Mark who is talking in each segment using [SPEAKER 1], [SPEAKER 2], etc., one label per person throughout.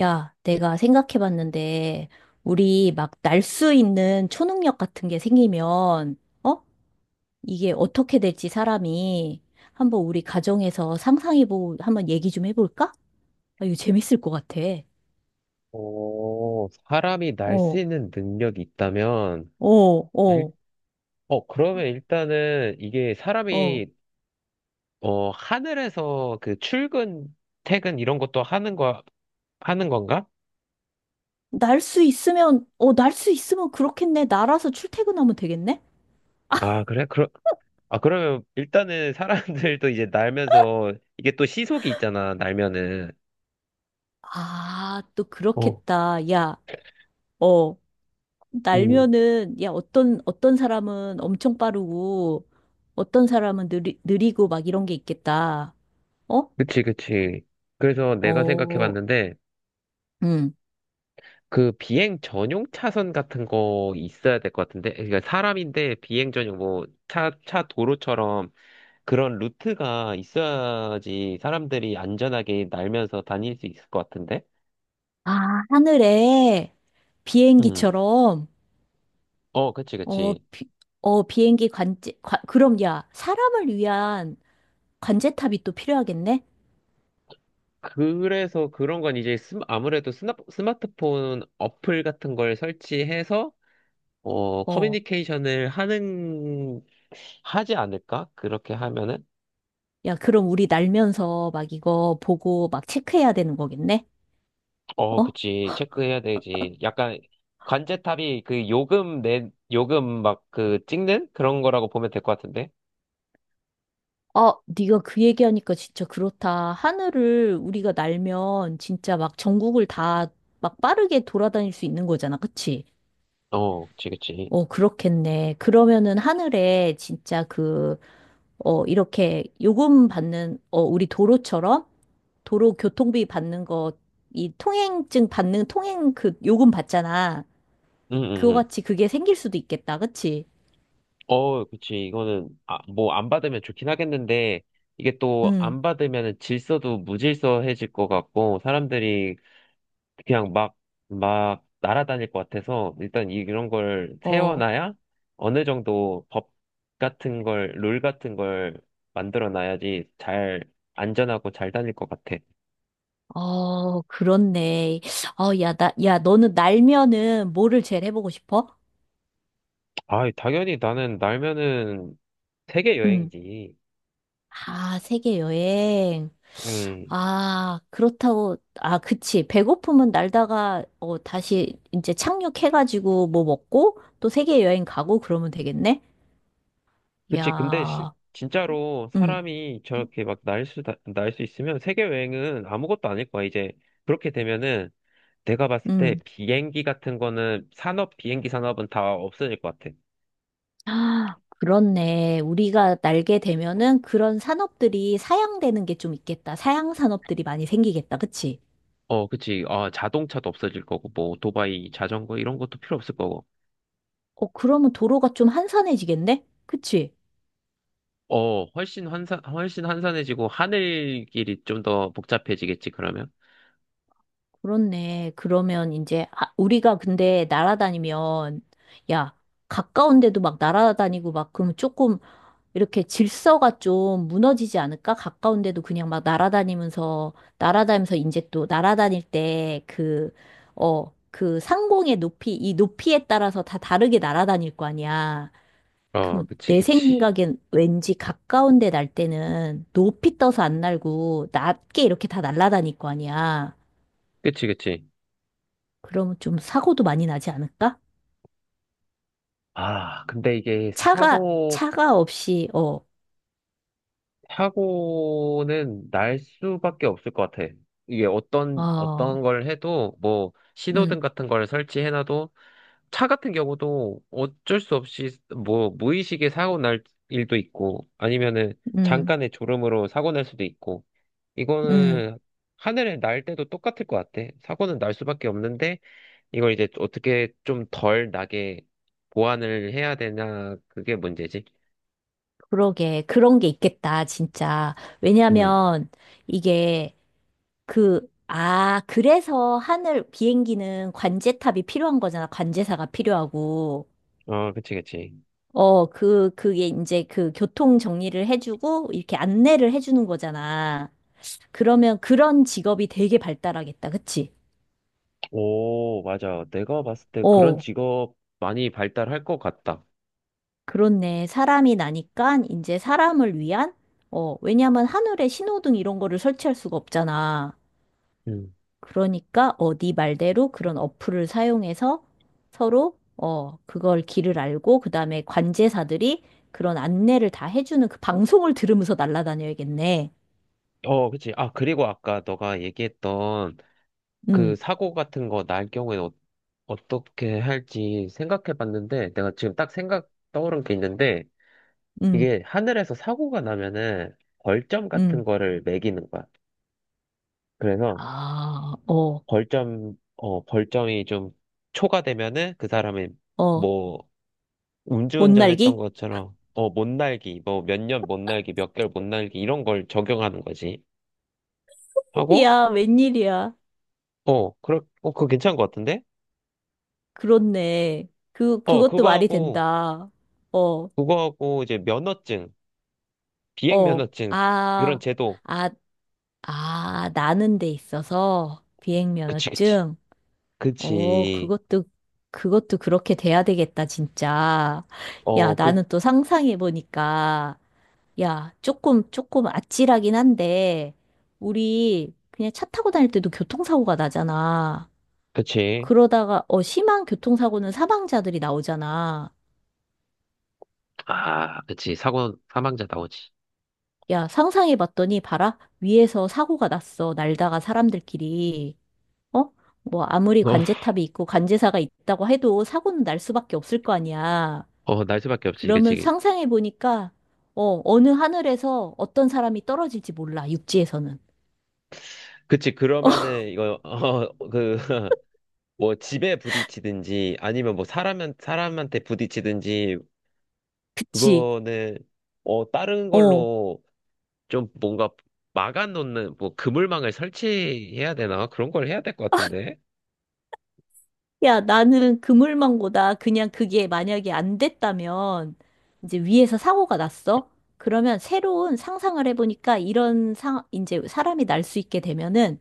[SPEAKER 1] 야, 내가 생각해봤는데, 우리 막 날 수 있는 초능력 같은 게 생기면, 어? 이게 어떻게 될지 사람이 한번 우리 가정에서 상상해보고 한번 얘기 좀 해볼까? 아, 이거 재밌을 것 같아.
[SPEAKER 2] 오, 사람이 날 수
[SPEAKER 1] 어,
[SPEAKER 2] 있는 능력이 있다면,
[SPEAKER 1] 어,
[SPEAKER 2] 일,
[SPEAKER 1] 어,
[SPEAKER 2] 그러면 일단은 이게
[SPEAKER 1] 어.
[SPEAKER 2] 사람이, 하늘에서 그 출근, 퇴근 이런 것도 하는 거, 하는 건가?
[SPEAKER 1] 날 수 있으면, 날 수 있으면 그렇겠네. 날아서 출퇴근하면 되겠네?
[SPEAKER 2] 아, 그래? 그러, 아, 그러면 일단은 사람들도 이제 날면서, 이게 또 시속이 있잖아, 날면은.
[SPEAKER 1] 아, 또
[SPEAKER 2] 어,
[SPEAKER 1] 그렇겠다. 야, 어.
[SPEAKER 2] 음.
[SPEAKER 1] 날면은 야 어떤 사람은 엄청 빠르고 어떤 사람은 느리고 막 이런 게 있겠다. 어?
[SPEAKER 2] 그치. 그래서 내가 생각해
[SPEAKER 1] 어,
[SPEAKER 2] 봤는데,
[SPEAKER 1] 음.
[SPEAKER 2] 그 비행 전용 차선 같은 거 있어야 될 것 같은데, 그러니까 사람인데 비행 전용 뭐 차 도로처럼 그런 루트가 있어야지 사람들이 안전하게 날면서 다닐 수 있을 것 같은데?
[SPEAKER 1] 아, 하늘에
[SPEAKER 2] 음.
[SPEAKER 1] 비행기처럼
[SPEAKER 2] 어, 그치,
[SPEAKER 1] 어,
[SPEAKER 2] 그치.
[SPEAKER 1] 비, 어 비행기 관제 관, 그럼 야 사람을 위한 관제탑이 또 필요하겠네.
[SPEAKER 2] 그래서 그런 건 이제 스마트폰 어플 같은 걸 설치해서
[SPEAKER 1] 어.
[SPEAKER 2] 커뮤니케이션을 하는, 하지 않을까? 그렇게 하면은?
[SPEAKER 1] 야, 그럼 우리 날면서 막 이거 보고 막 체크해야 되는 거겠네.
[SPEAKER 2] 어,
[SPEAKER 1] 어?
[SPEAKER 2] 그치. 체크해야 되지. 약간 관제탑이 그 요금 내, 요금 막 그 찍는 그런 거라고 보면 될 것 같은데?
[SPEAKER 1] 아, 네가 그 얘기하니까 진짜 그렇다. 하늘을 우리가 날면 진짜 막 전국을 다 막 빠르게 돌아다닐 수 있는 거잖아. 그치?
[SPEAKER 2] 어, 그치.
[SPEAKER 1] 어, 그렇겠네. 그러면은 하늘에 진짜 그, 어, 이렇게 요금 받는, 어, 우리 도로처럼 도로 교통비 받는 거, 이 통행증 받는 통행 그 요금 받잖아.
[SPEAKER 2] 응, 응,
[SPEAKER 1] 그거
[SPEAKER 2] 응.
[SPEAKER 1] 같이 그게 생길 수도 있겠다. 그치?
[SPEAKER 2] 어, 그치. 이거는, 아, 뭐 안 받으면 좋긴 하겠는데, 이게 또
[SPEAKER 1] 응,
[SPEAKER 2] 안 받으면 질서도 무질서해질 것 같고, 사람들이 그냥 막, 막 날아다닐 것 같아서 일단 이- 런 걸
[SPEAKER 1] 어.
[SPEAKER 2] 세워놔야 어느 정도 법 같은 걸, 룰 같은 걸 만들어 놔야지 잘 안전하고 잘 다닐 것 같아.
[SPEAKER 1] 어, 그렇네. 어, 야, 나, 야, 너는 날면은 뭐를 제일 해보고 싶어?
[SPEAKER 2] 아, 당연히 나는 날면은 세계
[SPEAKER 1] 응.
[SPEAKER 2] 여행이지.
[SPEAKER 1] 아, 세계 여행.
[SPEAKER 2] 음,
[SPEAKER 1] 아, 그렇다고, 아, 그치. 배고픔은 날다가, 어, 다시 이제 착륙해가지고 뭐 먹고 또 세계 여행 가고 그러면 되겠네?
[SPEAKER 2] 그치. 근데 실
[SPEAKER 1] 야,
[SPEAKER 2] 진짜로
[SPEAKER 1] 응,
[SPEAKER 2] 사람이 저렇게 막 날 수 있으면 세계 여행은 아무것도 아닐 거야. 이제 그렇게 되면은 내가 봤을 때
[SPEAKER 1] 응.
[SPEAKER 2] 비행기 같은 거는 산업, 비행기 산업은 다 없어질 것 같아.
[SPEAKER 1] 아, 그렇네. 우리가 날게 되면은 그런 산업들이 사양되는 게 좀 있겠다. 사양 산업들이 많이 생기겠다. 그치?
[SPEAKER 2] 어, 그치. 아, 자동차도 없어질 거고, 뭐, 오토바이, 자전거, 이런 것도 필요 없을 거고.
[SPEAKER 1] 어, 그러면 도로가 좀 한산해지겠네? 그치?
[SPEAKER 2] 어, 훨씬 환산, 훨씬 환산해지고 하늘길이 좀 더 복잡해지겠지, 그러면?
[SPEAKER 1] 그렇네. 그러면 이제, 아, 우리가 근데 날아다니면, 야, 가까운 데도 막 날아다니고 막 그러면 조금 이렇게 질서가 좀 무너지지 않을까? 가까운 데도 그냥 막 날아다니면서, 날아다니면서 이제 또 날아다닐 때 그, 어, 그 상공의 높이, 이 높이에 따라서 다 다르게 날아다닐 거 아니야.
[SPEAKER 2] 어,
[SPEAKER 1] 그럼
[SPEAKER 2] 그치,
[SPEAKER 1] 내
[SPEAKER 2] 그치.
[SPEAKER 1] 생각엔 왠지 가까운 데 날 때는 높이 떠서 안 날고 낮게 이렇게 다 날아다닐 거 아니야.
[SPEAKER 2] 그치.
[SPEAKER 1] 그러면 좀 사고도 많이 나지 않을까?
[SPEAKER 2] 아, 근데 이게 사고,
[SPEAKER 1] 차가 없이, 어,
[SPEAKER 2] 사고는 날 수밖에 없을 것 같아. 이게 어떤,
[SPEAKER 1] 어,
[SPEAKER 2] 어떤 걸 해도, 뭐,
[SPEAKER 1] 음,
[SPEAKER 2] 신호등 같은 걸 설치해놔도, 차 같은 경우도 어쩔 수 없이 뭐 무의식에 사고 날 일도 있고 아니면은
[SPEAKER 1] 음,
[SPEAKER 2] 잠깐의 졸음으로 사고 날 수도 있고
[SPEAKER 1] 음,
[SPEAKER 2] 이거는 하늘에 날 때도 똑같을 것 같아. 사고는 날 수밖에 없는데 이걸 이제 어떻게 좀 덜 나게 보완을 해야 되나 그게 문제지.
[SPEAKER 1] 그러게. 그런 게 있겠다, 진짜.
[SPEAKER 2] 음.
[SPEAKER 1] 왜냐면 이게 그, 아, 그래서 하늘 비행기는 관제탑이 필요한 거잖아. 관제사가 필요하고.
[SPEAKER 2] 어, 그치.
[SPEAKER 1] 어, 그, 그게 이제 그 교통 정리를 해주고 이렇게 안내를 해주는 거잖아. 그러면 그런 직업이 되게 발달하겠다. 그치?
[SPEAKER 2] 오, 맞아. 내가 봤을 때 그런
[SPEAKER 1] 어,
[SPEAKER 2] 직업 많이 발달할 것 같다.
[SPEAKER 1] 그렇네. 사람이 나니까 이제 사람을 위한? 어, 왜냐면 하늘에 신호등 이런 거를 설치할 수가 없잖아.
[SPEAKER 2] 음.
[SPEAKER 1] 그러니까, 어, 네 말대로 그런 어플을 사용해서 서로, 어, 그걸 길을 알고, 그 다음에 관제사들이 그런 안내를 다 해주는 그 방송을 들으면서 날아다녀야겠네.
[SPEAKER 2] 어, 그치. 아, 그리고 아까 너가 얘기했던 그
[SPEAKER 1] 음,
[SPEAKER 2] 사고 같은 거 날 경우에 어, 어떻게 할지 생각해 봤는데 내가 지금 딱 생각 떠오른 게 있는데
[SPEAKER 1] 음,
[SPEAKER 2] 이게 하늘에서 사고가 나면은 벌점 같은
[SPEAKER 1] 음.
[SPEAKER 2] 거를 매기는 거야. 그래서
[SPEAKER 1] 아, 어,
[SPEAKER 2] 벌점 벌점이 좀 초과되면은 그 사람이
[SPEAKER 1] 어,
[SPEAKER 2] 뭐
[SPEAKER 1] 못
[SPEAKER 2] 음주운전했던
[SPEAKER 1] 날기?
[SPEAKER 2] 것처럼 못 날기 뭐 몇 년 못 날기 몇 개월 못 날기 이런 걸 적용하는 거지. 하고
[SPEAKER 1] 야, 웬일이야.
[SPEAKER 2] 어 그렇 어 그거 괜찮은 것 같은데?
[SPEAKER 1] 그렇네.
[SPEAKER 2] 어
[SPEAKER 1] 그것도
[SPEAKER 2] 그거
[SPEAKER 1] 말이
[SPEAKER 2] 하고
[SPEAKER 1] 된다. 어,
[SPEAKER 2] 그거 하고 이제 면허증
[SPEAKER 1] 어,
[SPEAKER 2] 비행면허증 이런
[SPEAKER 1] 아,
[SPEAKER 2] 제도
[SPEAKER 1] 아, 아, 나는 데 있어서
[SPEAKER 2] 그치 그치
[SPEAKER 1] 비행면허증? 어,
[SPEAKER 2] 그치
[SPEAKER 1] 그것도, 그것도 그렇게 돼야 되겠다, 진짜. 야,
[SPEAKER 2] 어
[SPEAKER 1] 나는 또 상상해보니까, 야, 조금 아찔하긴 한데, 우리 그냥 차 타고 다닐 때도 교통사고가 나잖아.
[SPEAKER 2] 그치
[SPEAKER 1] 그러다가 어 심한 교통사고는 사망자들이 나오잖아.
[SPEAKER 2] 아 그치 사고 사망자 나오지
[SPEAKER 1] 야, 상상해 봤더니 봐라. 위에서 사고가 났어. 날다가 사람들끼리. 어? 뭐 아무리 관제탑이 있고 관제사가 있다고 해도 사고는 날 수밖에 없을 거 아니야.
[SPEAKER 2] 어어날 수밖에 없지
[SPEAKER 1] 그러면
[SPEAKER 2] 그치
[SPEAKER 1] 상상해 보니까 어 어느 하늘에서 어떤 사람이 떨어질지 몰라. 육지에서는.
[SPEAKER 2] 그치 그러면은 이거 어그뭐 집에 부딪히든지 아니면 뭐 사람한테 부딪히든지
[SPEAKER 1] 그치?
[SPEAKER 2] 그거는 다른
[SPEAKER 1] 어.
[SPEAKER 2] 걸로 좀 뭔가 막아놓는 뭐 그물망을 설치해야 되나 그런 걸 해야 될 것 같은데
[SPEAKER 1] 야, 나는 그물망고다. 그냥 그게 만약에 안 됐다면 이제 위에서 사고가 났어. 그러면 새로운 상상을 해보니까 이런 상, 이제 사람이 날 수 있게 되면은,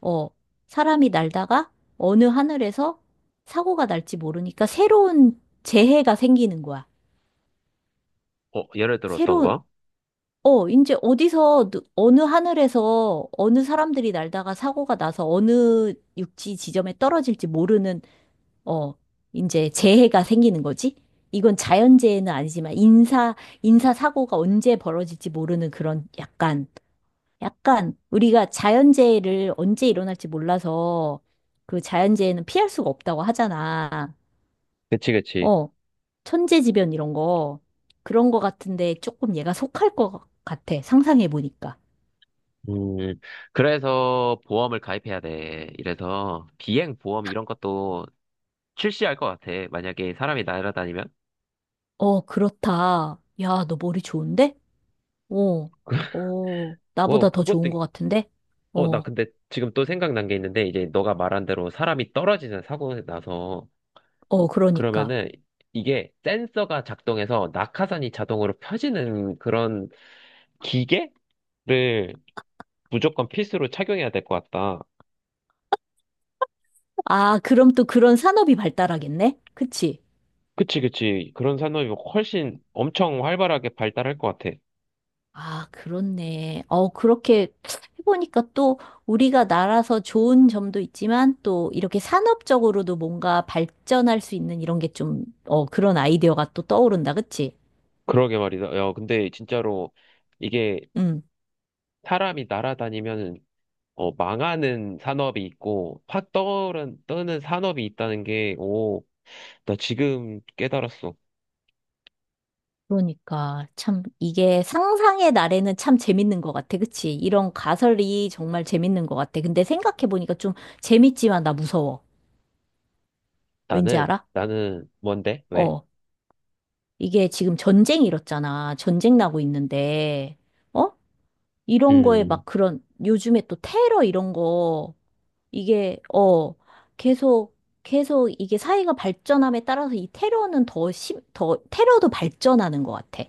[SPEAKER 1] 어, 사람이 날다가 어느 하늘에서 사고가 날지 모르니까 새로운 재해가 생기는 거야.
[SPEAKER 2] 어 예를 들어 어떤
[SPEAKER 1] 새로운,
[SPEAKER 2] 거
[SPEAKER 1] 어, 이제 어디서, 누- 어느 하늘에서 어느 사람들이 날다가 사고가 나서 어느 육지 지점에 떨어질지 모르는 어, 이제 재해가 생기는 거지? 이건 자연재해는 아니지만 인사사고가 언제 벌어질지 모르는 그런 약간, 약간 우리가 자연재해를 언제 일어날지 몰라서 그 자연재해는 피할 수가 없다고 하잖아.
[SPEAKER 2] 그치
[SPEAKER 1] 어, 천재지변 이런 거. 그런 거 같은데 조금 얘가 속할 것 같아. 상상해 보니까.
[SPEAKER 2] 음, 그래서 보험을 가입해야 돼. 이래서 비행 보험 이런 것도 출시할 것 같아. 만약에 사람이 날아다니면.
[SPEAKER 1] 어, 그렇다. 야, 너 머리 좋은데? 어, 어,
[SPEAKER 2] 어,
[SPEAKER 1] 나보다 더
[SPEAKER 2] 그것도,
[SPEAKER 1] 좋은 것
[SPEAKER 2] 있-
[SPEAKER 1] 같은데?
[SPEAKER 2] 어, 나
[SPEAKER 1] 어,
[SPEAKER 2] 근데 지금 또 생각난 게 있는데, 이제 너가 말한 대로 사람이 떨어지는 사고 나서,
[SPEAKER 1] 어, 그러니까.
[SPEAKER 2] 그러면은 이게 센서가 작동해서 낙하산이 자동으로 펴지는 그런 기계를 무조건 필수로 착용해야 될 것 같다.
[SPEAKER 1] 아, 그럼 또 그런 산업이 발달하겠네? 그치?
[SPEAKER 2] 그치. 그런 산업이 훨씬 엄청 활발하게 발달할 것 같아.
[SPEAKER 1] 아, 그렇네. 어, 그렇게 해보니까 또 우리가 나라서 좋은 점도 있지만 또 이렇게 산업적으로도 뭔가 발전할 수 있는 이런 게 좀, 어, 그런 아이디어가 또 떠오른다. 그치?
[SPEAKER 2] 그러게 말이다. 야, 근데 진짜로 이게
[SPEAKER 1] 음.
[SPEAKER 2] 사람이 날아다니면 어, 망하는 산업이 있고 확 떠오른, 떠는 산업이 있다는 게, 오, 나 지금 깨달았어.
[SPEAKER 1] 그러니까 참 이게 상상의 날에는 참 재밌는 것 같아. 그치? 이런 가설이 정말 재밌는 것 같아. 근데 생각해보니까 좀 재밌지만 나 무서워. 왠지
[SPEAKER 2] 나는,
[SPEAKER 1] 알아?
[SPEAKER 2] 나는 뭔데? 왜?
[SPEAKER 1] 어. 이게 지금 전쟁 일었잖아. 전쟁 나고 있는데, 어? 이런 거에
[SPEAKER 2] 음,
[SPEAKER 1] 막 그런, 요즘에 또 테러 이런 거, 이게, 어, 계속, 계속 이게 사회가 발전함에 따라서 이 테러는 더, 테러도 발전하는 것 같아.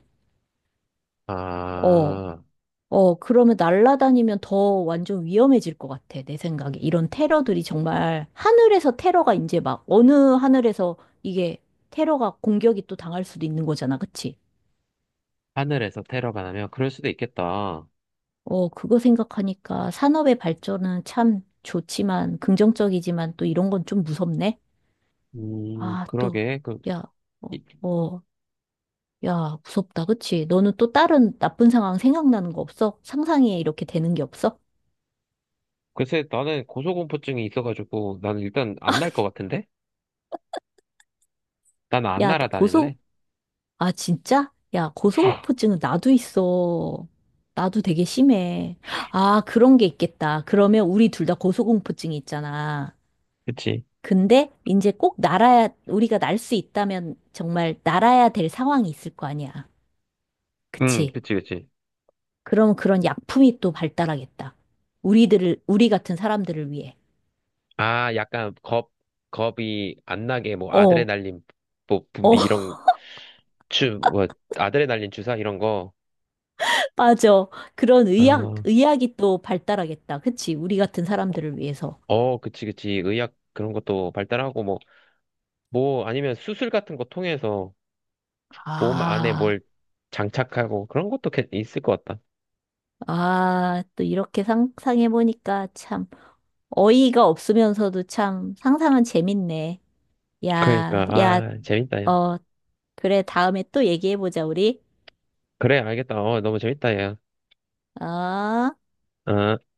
[SPEAKER 1] 어,
[SPEAKER 2] 아,
[SPEAKER 1] 어, 그러면 날아다니면 더 완전 위험해질 것 같아. 내 생각에. 이런 테러들이 정말, 하늘에서 테러가 이제 막, 어느 하늘에서 이게 테러가 공격이 또 당할 수도 있는 거잖아. 그치?
[SPEAKER 2] 하늘에서 테러가 나면 그럴 수도 있겠다.
[SPEAKER 1] 어, 그거 생각하니까 산업의 발전은 참 좋지만, 긍정적이지만 또 이런 건 좀 무섭네? 아, 또,
[SPEAKER 2] 그러게. 그,
[SPEAKER 1] 야, 어,
[SPEAKER 2] 이-
[SPEAKER 1] 어, 야, 무섭다, 그치? 너는 또 다른 나쁜 상황 생각나는 거 없어? 상상에 이렇게 되는 게 없어?
[SPEAKER 2] 글쎄, 나는 고소공포증이 있어가지고 나는 일단 안 날 것 같은데? 나는 안
[SPEAKER 1] 야, 고소,
[SPEAKER 2] 날아다닐래.
[SPEAKER 1] 아, 진짜? 야, 고소공포증은 나도 있어. 나도 되게 심해. 아, 그런 게 있겠다. 그러면 우리 둘 다 고소공포증이 있잖아.
[SPEAKER 2] 그치?
[SPEAKER 1] 근데 이제 꼭 날아야, 우리가 날 수 있다면 정말 날아야 될 상황이 있을 거 아니야.
[SPEAKER 2] 응,
[SPEAKER 1] 그치?
[SPEAKER 2] 그치.
[SPEAKER 1] 그럼 그런 약품이 또 발달하겠다. 우리 같은 사람들을 위해.
[SPEAKER 2] 아, 약간 겁, 겁이 안 나게, 뭐,
[SPEAKER 1] 어,
[SPEAKER 2] 아드레날린, 뭐,
[SPEAKER 1] 어,
[SPEAKER 2] 분비 이런, 주, 뭐, 아드레날린 주사 이런 거.
[SPEAKER 1] 맞아. 그런
[SPEAKER 2] 아,
[SPEAKER 1] 의학이 또 발달하겠다. 그치? 우리 같은 사람들을 위해서.
[SPEAKER 2] 어, 그치. 의학 그런 것도 발달하고, 뭐, 아니면 수술 같은 거 통해서 몸 안에
[SPEAKER 1] 아,
[SPEAKER 2] 뭘 장착하고 그런 것도 괜- 있을 것 같다.
[SPEAKER 1] 아, 또 이렇게 상상해보니까 참 어이가 없으면서도 참 상상은 재밌네. 야,
[SPEAKER 2] 그러니까,
[SPEAKER 1] 야,
[SPEAKER 2] 아, 재밌다, 야.
[SPEAKER 1] 어, 그래, 다음에 또 얘기해보자, 우리.
[SPEAKER 2] 그래, 알겠다. 어, 너무 재밌다, 야.
[SPEAKER 1] 어?
[SPEAKER 2] 어.